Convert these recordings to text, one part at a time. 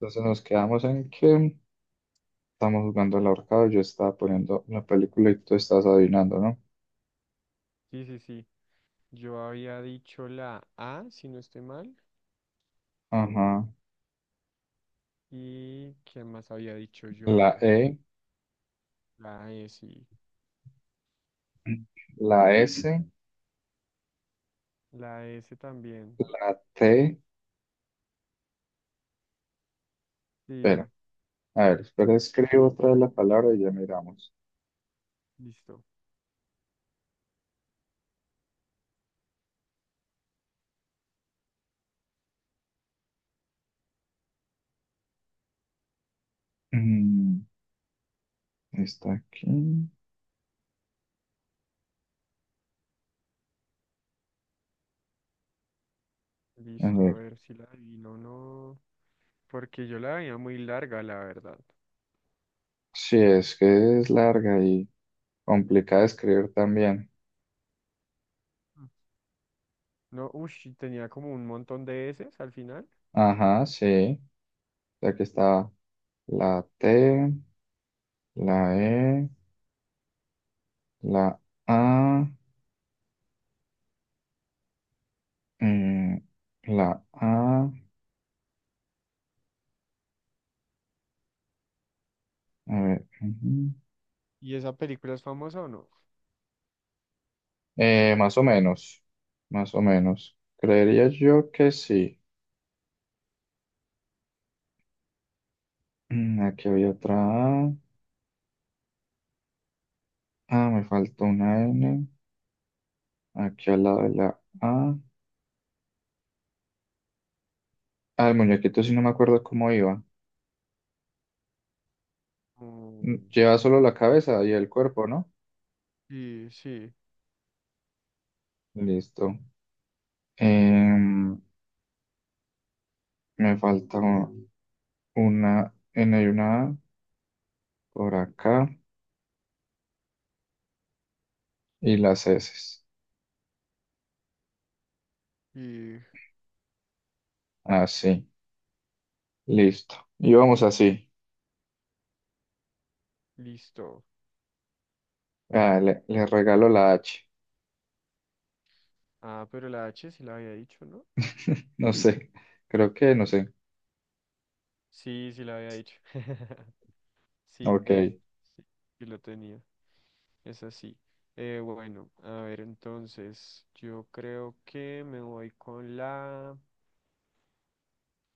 Entonces nos quedamos en que estamos jugando al ahorcado, yo estaba poniendo la película y tú estás adivinando, ¿no? Sí, sí, sí. Yo había dicho la A, si no estoy mal. Ajá. ¿Y quién más había dicho La yo? E, La S. la S, La S también. la T. Espera, Sí, a ver, espera, escribo otra vez la palabra y ya miramos. listo. Mm, está aquí. A Listo, a ver, ver si la adivino o no. Porque yo la veía muy larga, la verdad. sí, es que es larga y complicada de escribir también. Mm. No, uff, tenía como un montón de S al final. Ajá, sí. Aquí está la T, la E, la A. Mm, la A, a ver, ujú. ¿Y esa película es famosa o no? Más o menos, más o menos. Creería yo que sí. Aquí había otra A. Ah, me faltó una N. Aquí al lado de la A. Ah, el muñequito sí no me acuerdo cómo iba. Mm, lleva solo la cabeza y el cuerpo, ¿no? sí, sí. Listo. Em, me falta una N y una A por acá. Y las S. Y Así. Listo. Y vamos así. listo. Ah, le regalo la H. Ah, pero la H sí la había dicho, ¿no? No sé. Creo que, no sé. Sí, sí la había dicho. Sí, Ok. D. Sí, sí lo tenía. Es así. Bueno, a ver, entonces, yo creo que me voy con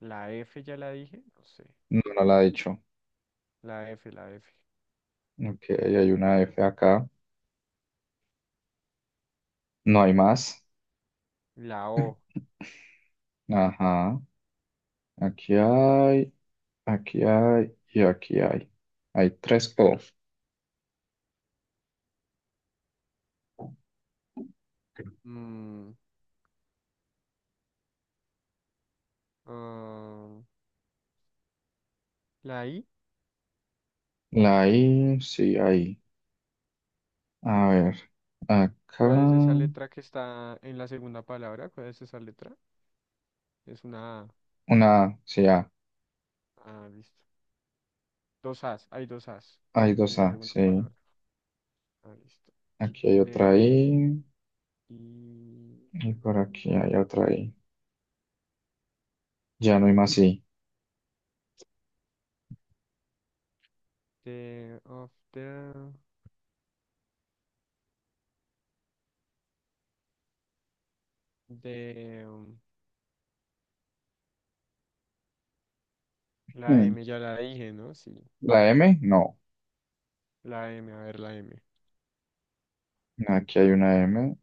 la F, ya la dije, no sé. No, no la he dicho. La F, la F. Ok, hay una F acá. No hay más. La O. Ajá. Aquí hay, aquí hay y aquí hay. Hay tres O. Mm, ah, la I. La I, sí, ahí. A ver. Acá. ¿Cuál es esa letra que está en la segunda palabra? ¿Cuál es esa letra? Es una A. Una A, sí, A. Ah, listo. Dos As, hay dos As Hay dos en la A, segunda sí. palabra. Ah, listo. Aquí hay otra D, I. I, Y por aquí hay otra I. Ya no hay más I. D, of the. De la Hmm. M, ya la dije, ¿no? Sí, ¿La M? No. la M, a ver, la M. Aquí hay una M.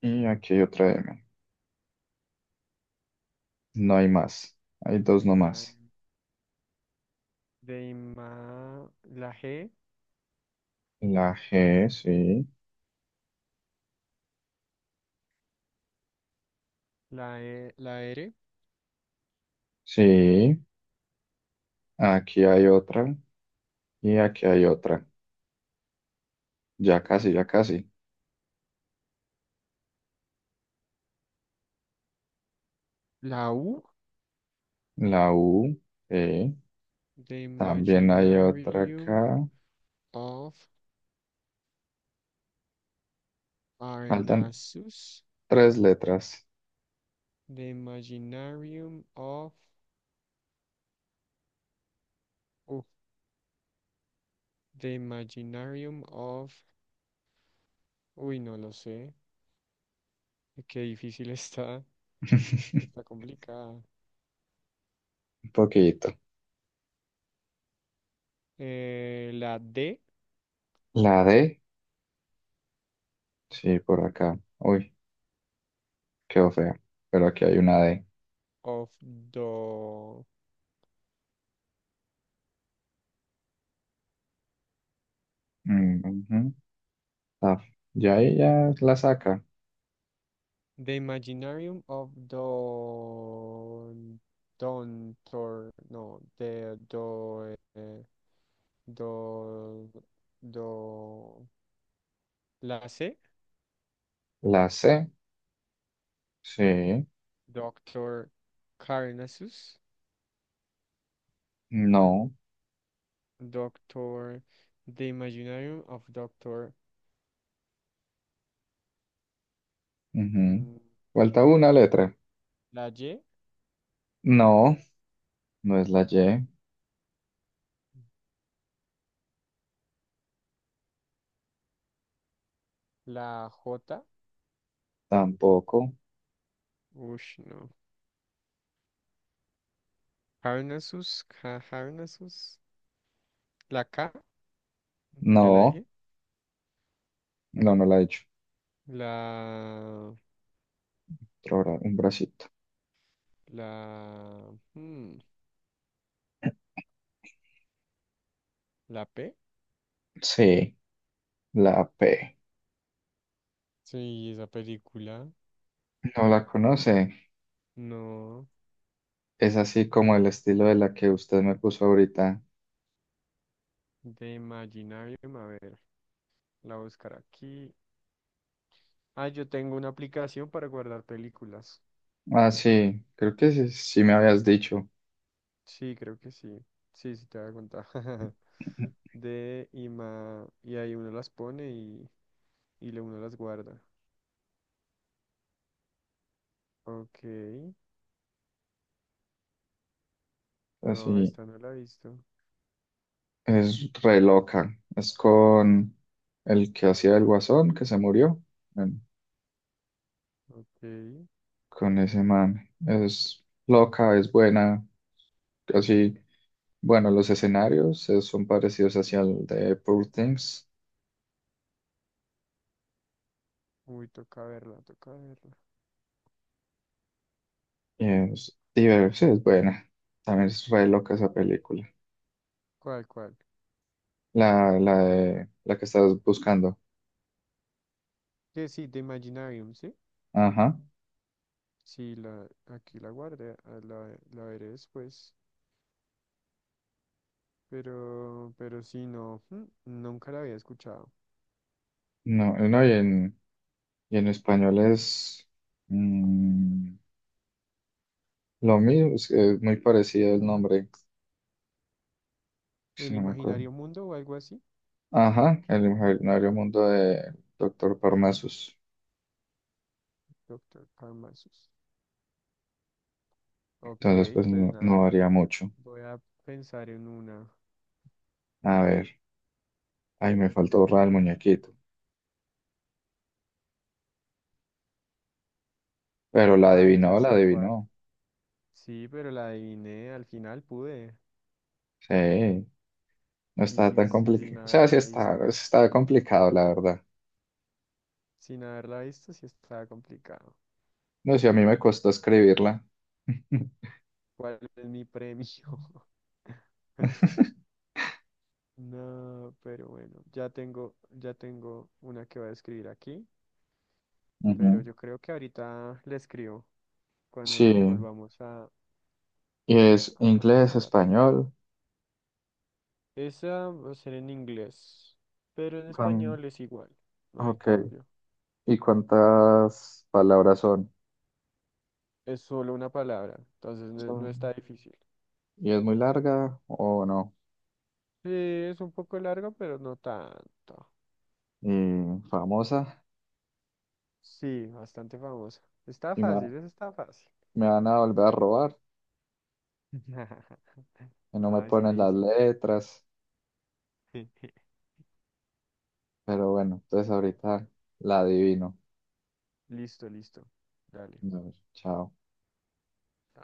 Y aquí hay otra M. No hay más. Hay dos La nomás. M, de la G, La G, sí. la E, la R, Sí. Aquí hay otra. Y aquí hay otra. Ya casi, ya casi. la U, La U, sí. The También hay otra Imaginarium acá. of Faltan Parnassus, tres letras. The Imaginarium of, uh, The Imaginarium of, uy, no lo sé, qué difícil está, está complicada. Un poquito. La D La D, sí, por acá. Uy, quedó fea. Pero aquí hay una D. of Mm, ujú. Ah, y ahí ya la saca. The Imaginarium of Don Don Tor no de do do do Lasse, La C, sí. Doctor Carnassus, No. Doctor The Imaginarium of Doctor Ujú. mm, Falta una letra. Laje, No, no es la Y, la J, tampoco. ush no, Carnassus, Carnassus, la K, ya la No, dije, no, no la he hecho. la Otro bra- un bracito. la hmm, ¿la P? Sí, la P. Sí, esa película. No la conoce. No, Es así como el estilo de la que usted me puso ahorita. de Imaginarium. A ver, la buscar aquí. Ah, yo tengo una aplicación para guardar películas. Ah, sí, creo que sí, sí me habías dicho. Sí, creo que sí. Sí, sí, te voy a contar. De Ima. Y ahí uno las pone y, uno las guarda. Ok. No, Así, esta no la he visto. es re loca. Es con el que hacía el guasón, que se murió. Bueno, Ok. con ese man. Es loca, es buena, así. Bueno, los escenarios son parecidos hacia el de Poor Things. Uy, toca verla, toca verla. Y es divertido, es buena. También es re loca esa película. ¿Cuál, cuál? La que estás buscando. Que sí, de Imaginarium, ¿sí? Ajá. Sí, la, aquí la guardé. Ah, la veré después. Pero sí, no, mm, nunca la había escuchado. No, no, y en español es mm, lo mismo, es muy parecido el nombre, si ¿El no me acuerdo. imaginario mundo o algo así? Ajá, el imaginario mundo de Doctor Parnassus. Doctor Karamazos. Ok, Entonces, pues pues no, no nada, varía mucho. voy a pensar en una. A ver, ahí me faltó borrar el Mm. muñequito. Pero la Ay, ya adivinó, la sé cuál. adivinó. Sí, pero la adiviné, al final pude. Sí, no está Y tan sin complicado. O sea, haberla visto. sí está complicado, la verdad. Sin haberla visto, sí estaba complicado. No sé, a mí me costó escribirla. ¿Cuál es mi premio? No, pero bueno, ya tengo una que voy a escribir aquí, pero Ujú. yo creo que ahorita le escribo. Cuando Sí, nos volvamos y es a inglés, conectar. español. Esa va a ser en inglés, pero en Con... español es igual, no hay Ok, cambio. ¿y cuántas palabras son? Es solo una palabra, entonces no Son- está difícil. ¿Y es muy larga o no? Sí, es un poco largo, pero no tanto. Y famosa, Sí, bastante famosa. Está y me, fácil, eso está fácil. me van a volver a robar, y no me Nada, está ponen las easy. letras, pero bueno, entonces ahorita la adivino. Listo, listo. Dale. No, chao.